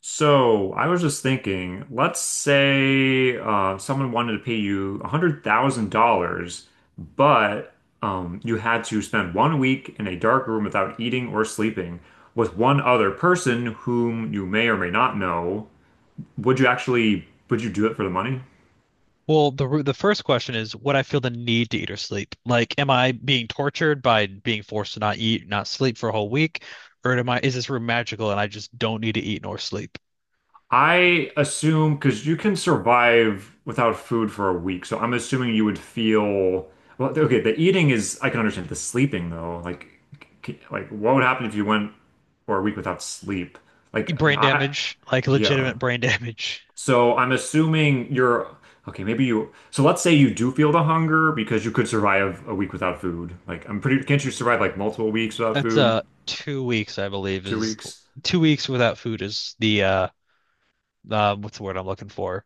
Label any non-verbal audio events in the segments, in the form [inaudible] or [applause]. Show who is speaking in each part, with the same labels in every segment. Speaker 1: So I was just thinking, let's say someone wanted to pay you $100,000, but you had to spend 1 week in a dark room without eating or sleeping with one other person whom you may or may not know. Would you do it for the money?
Speaker 2: Well, the first question is, would I feel the need to eat or sleep? Like, am I being tortured by being forced to not eat, not sleep for a whole week, or am I is this room magical and I just don't need to eat nor sleep?
Speaker 1: I assume because you can survive without food for a week, so I'm assuming you would feel well. Okay, the eating is I can understand. The sleeping though, like, like what would happen if you went for a week without sleep? Like,
Speaker 2: Brain damage, like
Speaker 1: yeah.
Speaker 2: legitimate brain [laughs] damage.
Speaker 1: So I'm assuming you're okay. Maybe you. So let's say you do feel the hunger because you could survive a week without food. Like, I'm pretty. Can't you survive like multiple weeks without
Speaker 2: That's
Speaker 1: food?
Speaker 2: 2 weeks, I believe,
Speaker 1: Two
Speaker 2: is
Speaker 1: weeks?
Speaker 2: 2 weeks without food is the what's the word I'm looking for?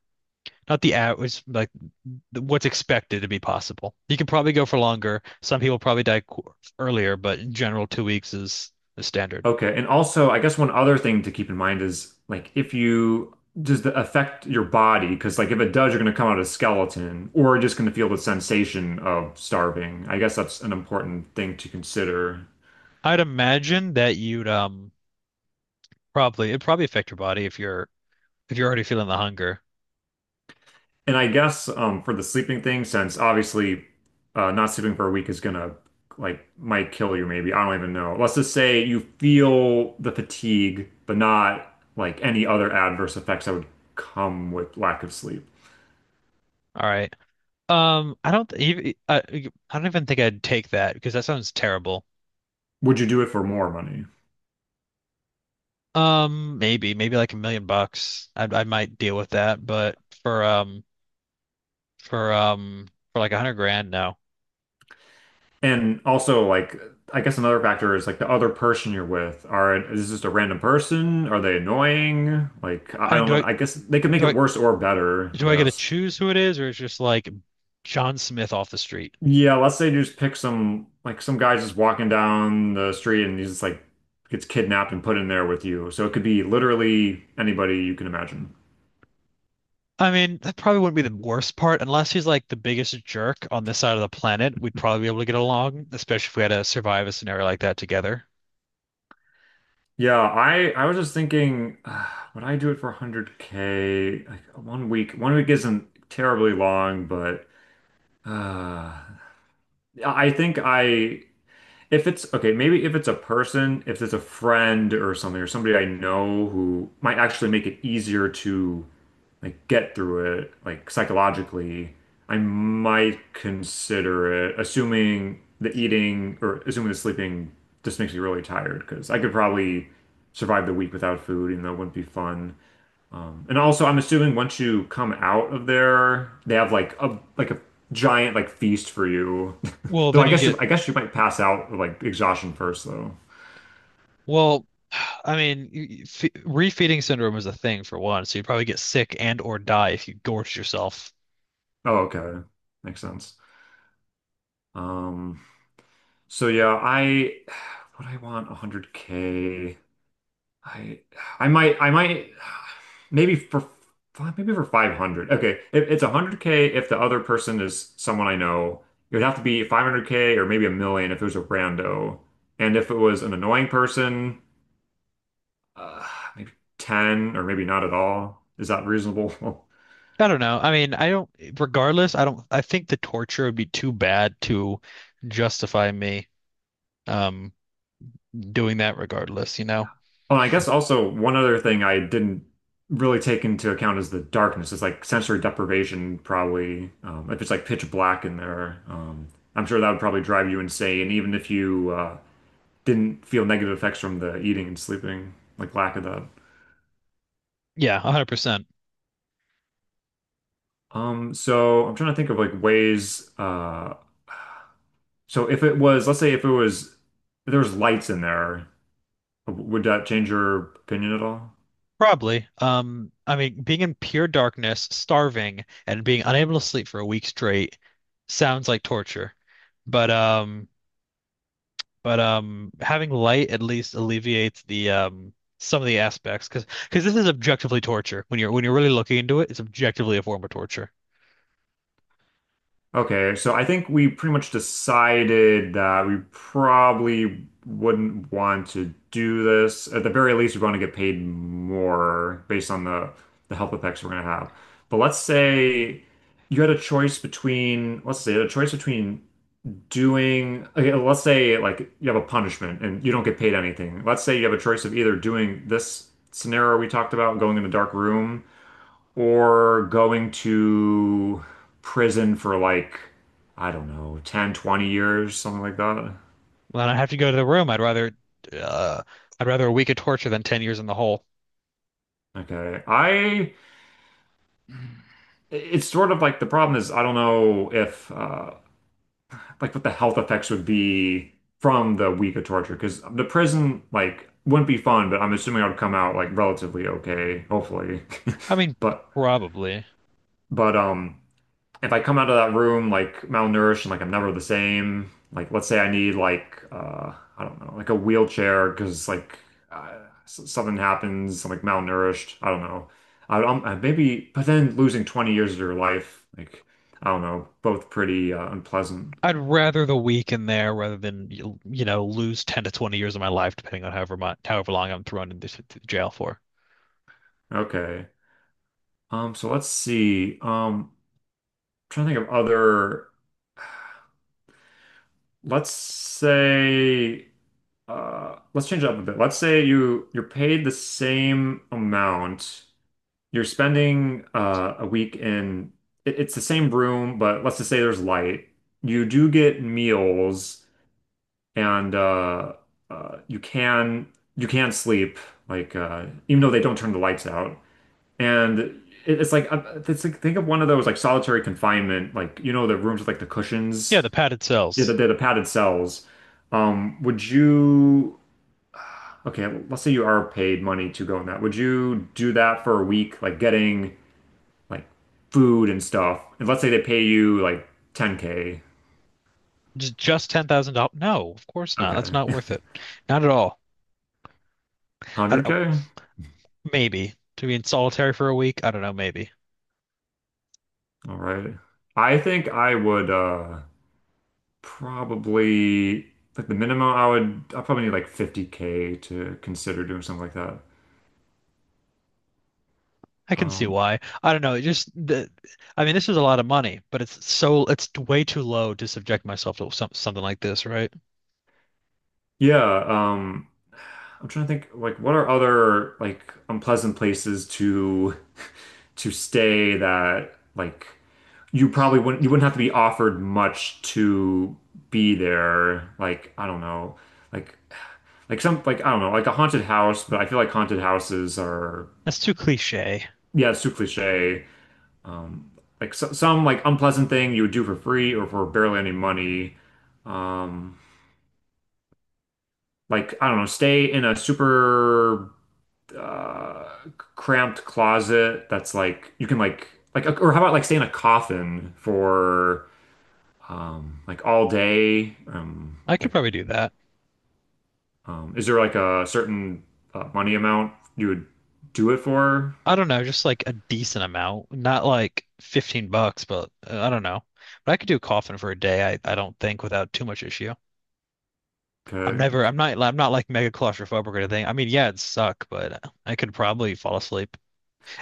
Speaker 2: Not the average, like what's expected to be possible. You can probably go for longer. Some people probably die qu earlier, but in general, 2 weeks is the standard.
Speaker 1: Okay, and also, I guess one other thing to keep in mind is like if you does the affect your body? Because like if it does, you're going to come out a skeleton, or just going to feel the sensation of starving. I guess that's an important thing to consider.
Speaker 2: I'd imagine that you'd probably it'd probably affect your body if you're already feeling the hunger.
Speaker 1: And I guess for the sleeping thing, since obviously not sleeping for a week is gonna like might kill you, maybe I don't even know. Let's just say you feel the fatigue, but not like any other adverse effects that would come with lack of sleep.
Speaker 2: All right. I don't even think I'd take that because that sounds terrible.
Speaker 1: Would you do it for more money?
Speaker 2: Maybe maybe like a million bucks. I might deal with that, but for like a hundred grand, no.
Speaker 1: And also, like, I guess another factor is like the other person you're with. Are is this just a random person? Are they annoying? Like, I
Speaker 2: I
Speaker 1: I
Speaker 2: mean,
Speaker 1: don't know. I guess they could make
Speaker 2: do
Speaker 1: it
Speaker 2: I
Speaker 1: worse or better, I
Speaker 2: do I get to
Speaker 1: guess.
Speaker 2: choose who it is, or is just like John Smith off the street?
Speaker 1: Yeah, let's say you just pick some like some guy just walking down the street and he's just like gets kidnapped and put in there with you. So it could be literally anybody you can imagine.
Speaker 2: I mean, that probably wouldn't be the worst part, unless he's like the biggest jerk on this side of the planet. We'd probably be able to get along, especially if we had to survive a scenario like that together.
Speaker 1: Yeah, I was just thinking, [sighs] would I do it for 100K? Like 1 week. 1 week isn't terribly long, but uh I think I, if it's okay, maybe if it's a person, if it's a friend or something, or somebody I know who might actually make it easier to like get through it, like psychologically, I might consider it, assuming the eating or assuming the sleeping just makes me really tired because I could probably survive the week without food, even though it wouldn't be fun. And also, I'm assuming once you come out of there, they have like a giant like feast for you. [laughs]
Speaker 2: Well,
Speaker 1: Though
Speaker 2: then
Speaker 1: I
Speaker 2: you
Speaker 1: guess you
Speaker 2: get,
Speaker 1: I guess you might pass out of, like exhaustion first though.
Speaker 2: well, [sighs] I mean, you- you- fe refeeding syndrome is a thing for one, so you'd probably get sick and or die if you gorged yourself.
Speaker 1: Oh, okay. Makes sense. Um, so yeah, I [sighs] would I want 100K. I I might maybe for maybe for 500. Okay, if it's 100K if the other person is someone I know. It would have to be 500K or maybe a million if it was a rando. And if it was an annoying person, uh, maybe 10 or maybe not at all. Is that reasonable? [laughs]
Speaker 2: I don't know. I mean, I don't, Regardless, I don't, I think the torture would be too bad to justify me um doing that regardless, you know?
Speaker 1: Well, I guess also one other thing I didn't really take into account is the darkness. It's like sensory deprivation, probably. If it's like pitch black in there, I'm sure that would probably drive you insane, even if you didn't feel negative effects from the eating and sleeping, like lack of that.
Speaker 2: Yeah, 100%.
Speaker 1: So I'm trying to think of like ways. So if it was, let's say if it was, if there was lights in there, would that change your opinion at all?
Speaker 2: Probably. I mean, being in pure darkness, starving, and being unable to sleep for a week straight sounds like torture. But um, but Having light at least alleviates the some of the aspects because this is objectively torture. When you're really looking into it, it's objectively a form of torture.
Speaker 1: Okay, so I think we pretty much decided that we probably wouldn't want to do this. At the very least, we want to get paid more based on the health effects we're gonna have. But let's say you had a choice between, let's say, a choice between doing, okay, let's say like you have a punishment and you don't get paid anything. Let's say you have a choice of either doing this scenario we talked about, going in a dark room or going to prison for like, I don't know, 10, 20 years, something like that.
Speaker 2: Well, I have to go to the room, uh, I'd rather a week of torture than 10 years in the hole.
Speaker 1: Okay. I, it's sort of like the problem is I don't know if, like what the health effects would be from the week of torture, because the prison, like, wouldn't be fun, but I'm assuming I would come out like relatively okay, hopefully. [laughs]
Speaker 2: I mean,
Speaker 1: But,
Speaker 2: probably.
Speaker 1: but, um, if I come out of that room like malnourished and like I'm never the same, like let's say I need like I don't know, like a wheelchair because like uh, something happens, I'm like malnourished, I don't know. I, I'm I maybe but then losing 20 years of your life, like I don't know, both pretty unpleasant.
Speaker 2: I'd rather the week in there rather than you, you know, lose 10 to 20 years of my life depending on however much, however long I'm thrown into jail for.
Speaker 1: Okay. So let's see. Trying to think of other let's say let's change it up a bit. Let's say you're paid the same amount. You're spending a week in, it's the same room, but let's just say there's light. You do get meals and uh, you can you can sleep like even though they don't turn the lights out. And it's like think of one of those like solitary confinement like you know the rooms with like the
Speaker 2: Yeah,
Speaker 1: cushions,
Speaker 2: the padded
Speaker 1: yeah, the,
Speaker 2: cells.
Speaker 1: the padded cells. Would you okay, let's say you are paid money to go in that. Would you do that for a week like getting like food and stuff. And let's say they pay you like 10K.
Speaker 2: Just $10,000? No, of course not. That's
Speaker 1: Okay.
Speaker 2: not worth it. Not at all.
Speaker 1: [laughs]
Speaker 2: I don't-
Speaker 1: 100K?
Speaker 2: Maybe to be in solitary for a week, I don't know, maybe.
Speaker 1: All right. I think I would probably like the minimum I probably need like 50K to consider doing something like that.
Speaker 2: I can see
Speaker 1: Um
Speaker 2: why. I don't know. It just the I mean, this is a lot of money, but it's way too low to subject myself to something like this, right?
Speaker 1: yeah, I'm trying to think like what are other like unpleasant places to [laughs] to stay that like you wouldn't have to be offered much to be there. Like, I don't know. Like like some like I don't know, like a haunted house, but I feel like haunted houses are
Speaker 2: That's too cliche.
Speaker 1: yeah, it's too cliche. Um like so, some like unpleasant thing you would do for free or for barely any money. Um like I don't know, stay in a super uh cramped closet that's like you can like or how about like stay in a coffin for like all day? Um,
Speaker 2: I could
Speaker 1: like,
Speaker 2: probably do that.
Speaker 1: is there like a certain money amount you would do it for?
Speaker 2: I don't know, just like a decent amount, not like 15 bucks, but I don't know. But I could do a coffin for a day, I don't think without too much issue.
Speaker 1: Okay. Okay.
Speaker 2: I'm not like mega claustrophobic or anything. I mean, yeah, it'd suck, but I could probably fall asleep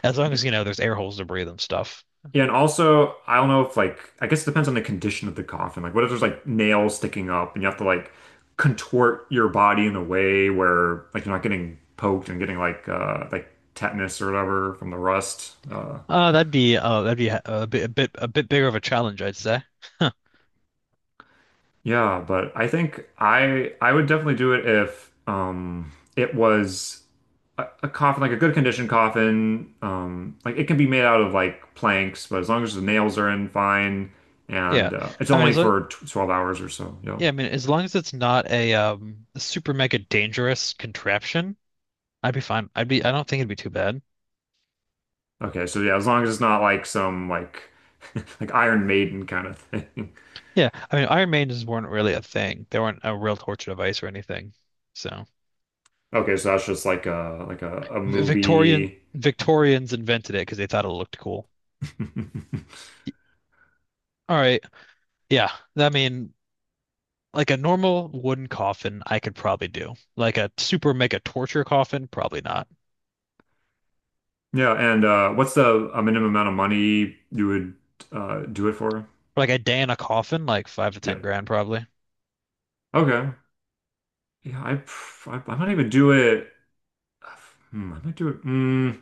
Speaker 2: as long as, you know, there's air holes to breathe and stuff.
Speaker 1: Yeah, and also, I don't know if like, I guess it depends on the condition of the coffin. Like, what if there's like nails sticking up and you have to like contort your body in a way where like you're not getting poked and getting like tetanus or whatever from the rust? Uh,
Speaker 2: That'd be a bit bigger of a challenge, I'd say. [laughs]
Speaker 1: Yeah, but I think I would definitely do it if it was a coffin, like a good condition coffin. Like it can be made out of like planks, but as long as the nails are in fine
Speaker 2: Yeah.
Speaker 1: and it's
Speaker 2: I mean,
Speaker 1: only
Speaker 2: as long,
Speaker 1: for tw 12 hours or so. Yeah.
Speaker 2: yeah, I mean, as long as it's not super mega dangerous contraption, I'd be fine. I don't think it'd be too bad.
Speaker 1: Okay, so yeah, as long as it's not like some like [laughs] like Iron Maiden kind of thing. [laughs]
Speaker 2: Yeah, I mean, Iron Maidens weren't really a thing. They weren't a real torture device or anything. So,
Speaker 1: Okay, so that's just like a
Speaker 2: V- Victorian
Speaker 1: movie.
Speaker 2: Victorians invented it because they thought it looked cool.
Speaker 1: [laughs]
Speaker 2: All right. Yeah. I mean, like a normal wooden coffin, I could probably do. Like a super mega torture coffin, probably not.
Speaker 1: Yeah, and what's the a minimum amount of money you would do it for?
Speaker 2: Like a day in a coffin, like five to
Speaker 1: Yeah.
Speaker 2: ten grand, probably.
Speaker 1: Okay. Yeah, I, pr- I might even do it. Hmm, I might do it.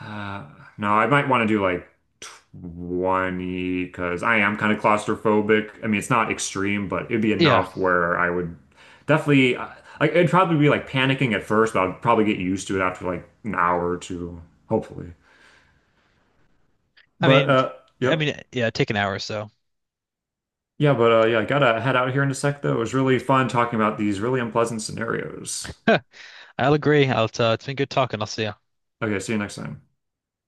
Speaker 1: uh, no, I might want to do like 20 because I am kind of claustrophobic. I mean, it's not extreme, but it'd be
Speaker 2: Yeah.
Speaker 1: enough where I would definitely. It'd probably be like panicking at first, but I'd probably get used to it after like an hour or two, hopefully.
Speaker 2: I
Speaker 1: But
Speaker 2: mean, I
Speaker 1: yep,
Speaker 2: mean, yeah, take an hour or so.
Speaker 1: yeah, but yeah, I gotta head out here in a sec though. It was really fun talking about these really unpleasant scenarios.
Speaker 2: [laughs] I'll agree. It's been good talking. I'll see you.
Speaker 1: Okay, see you next time.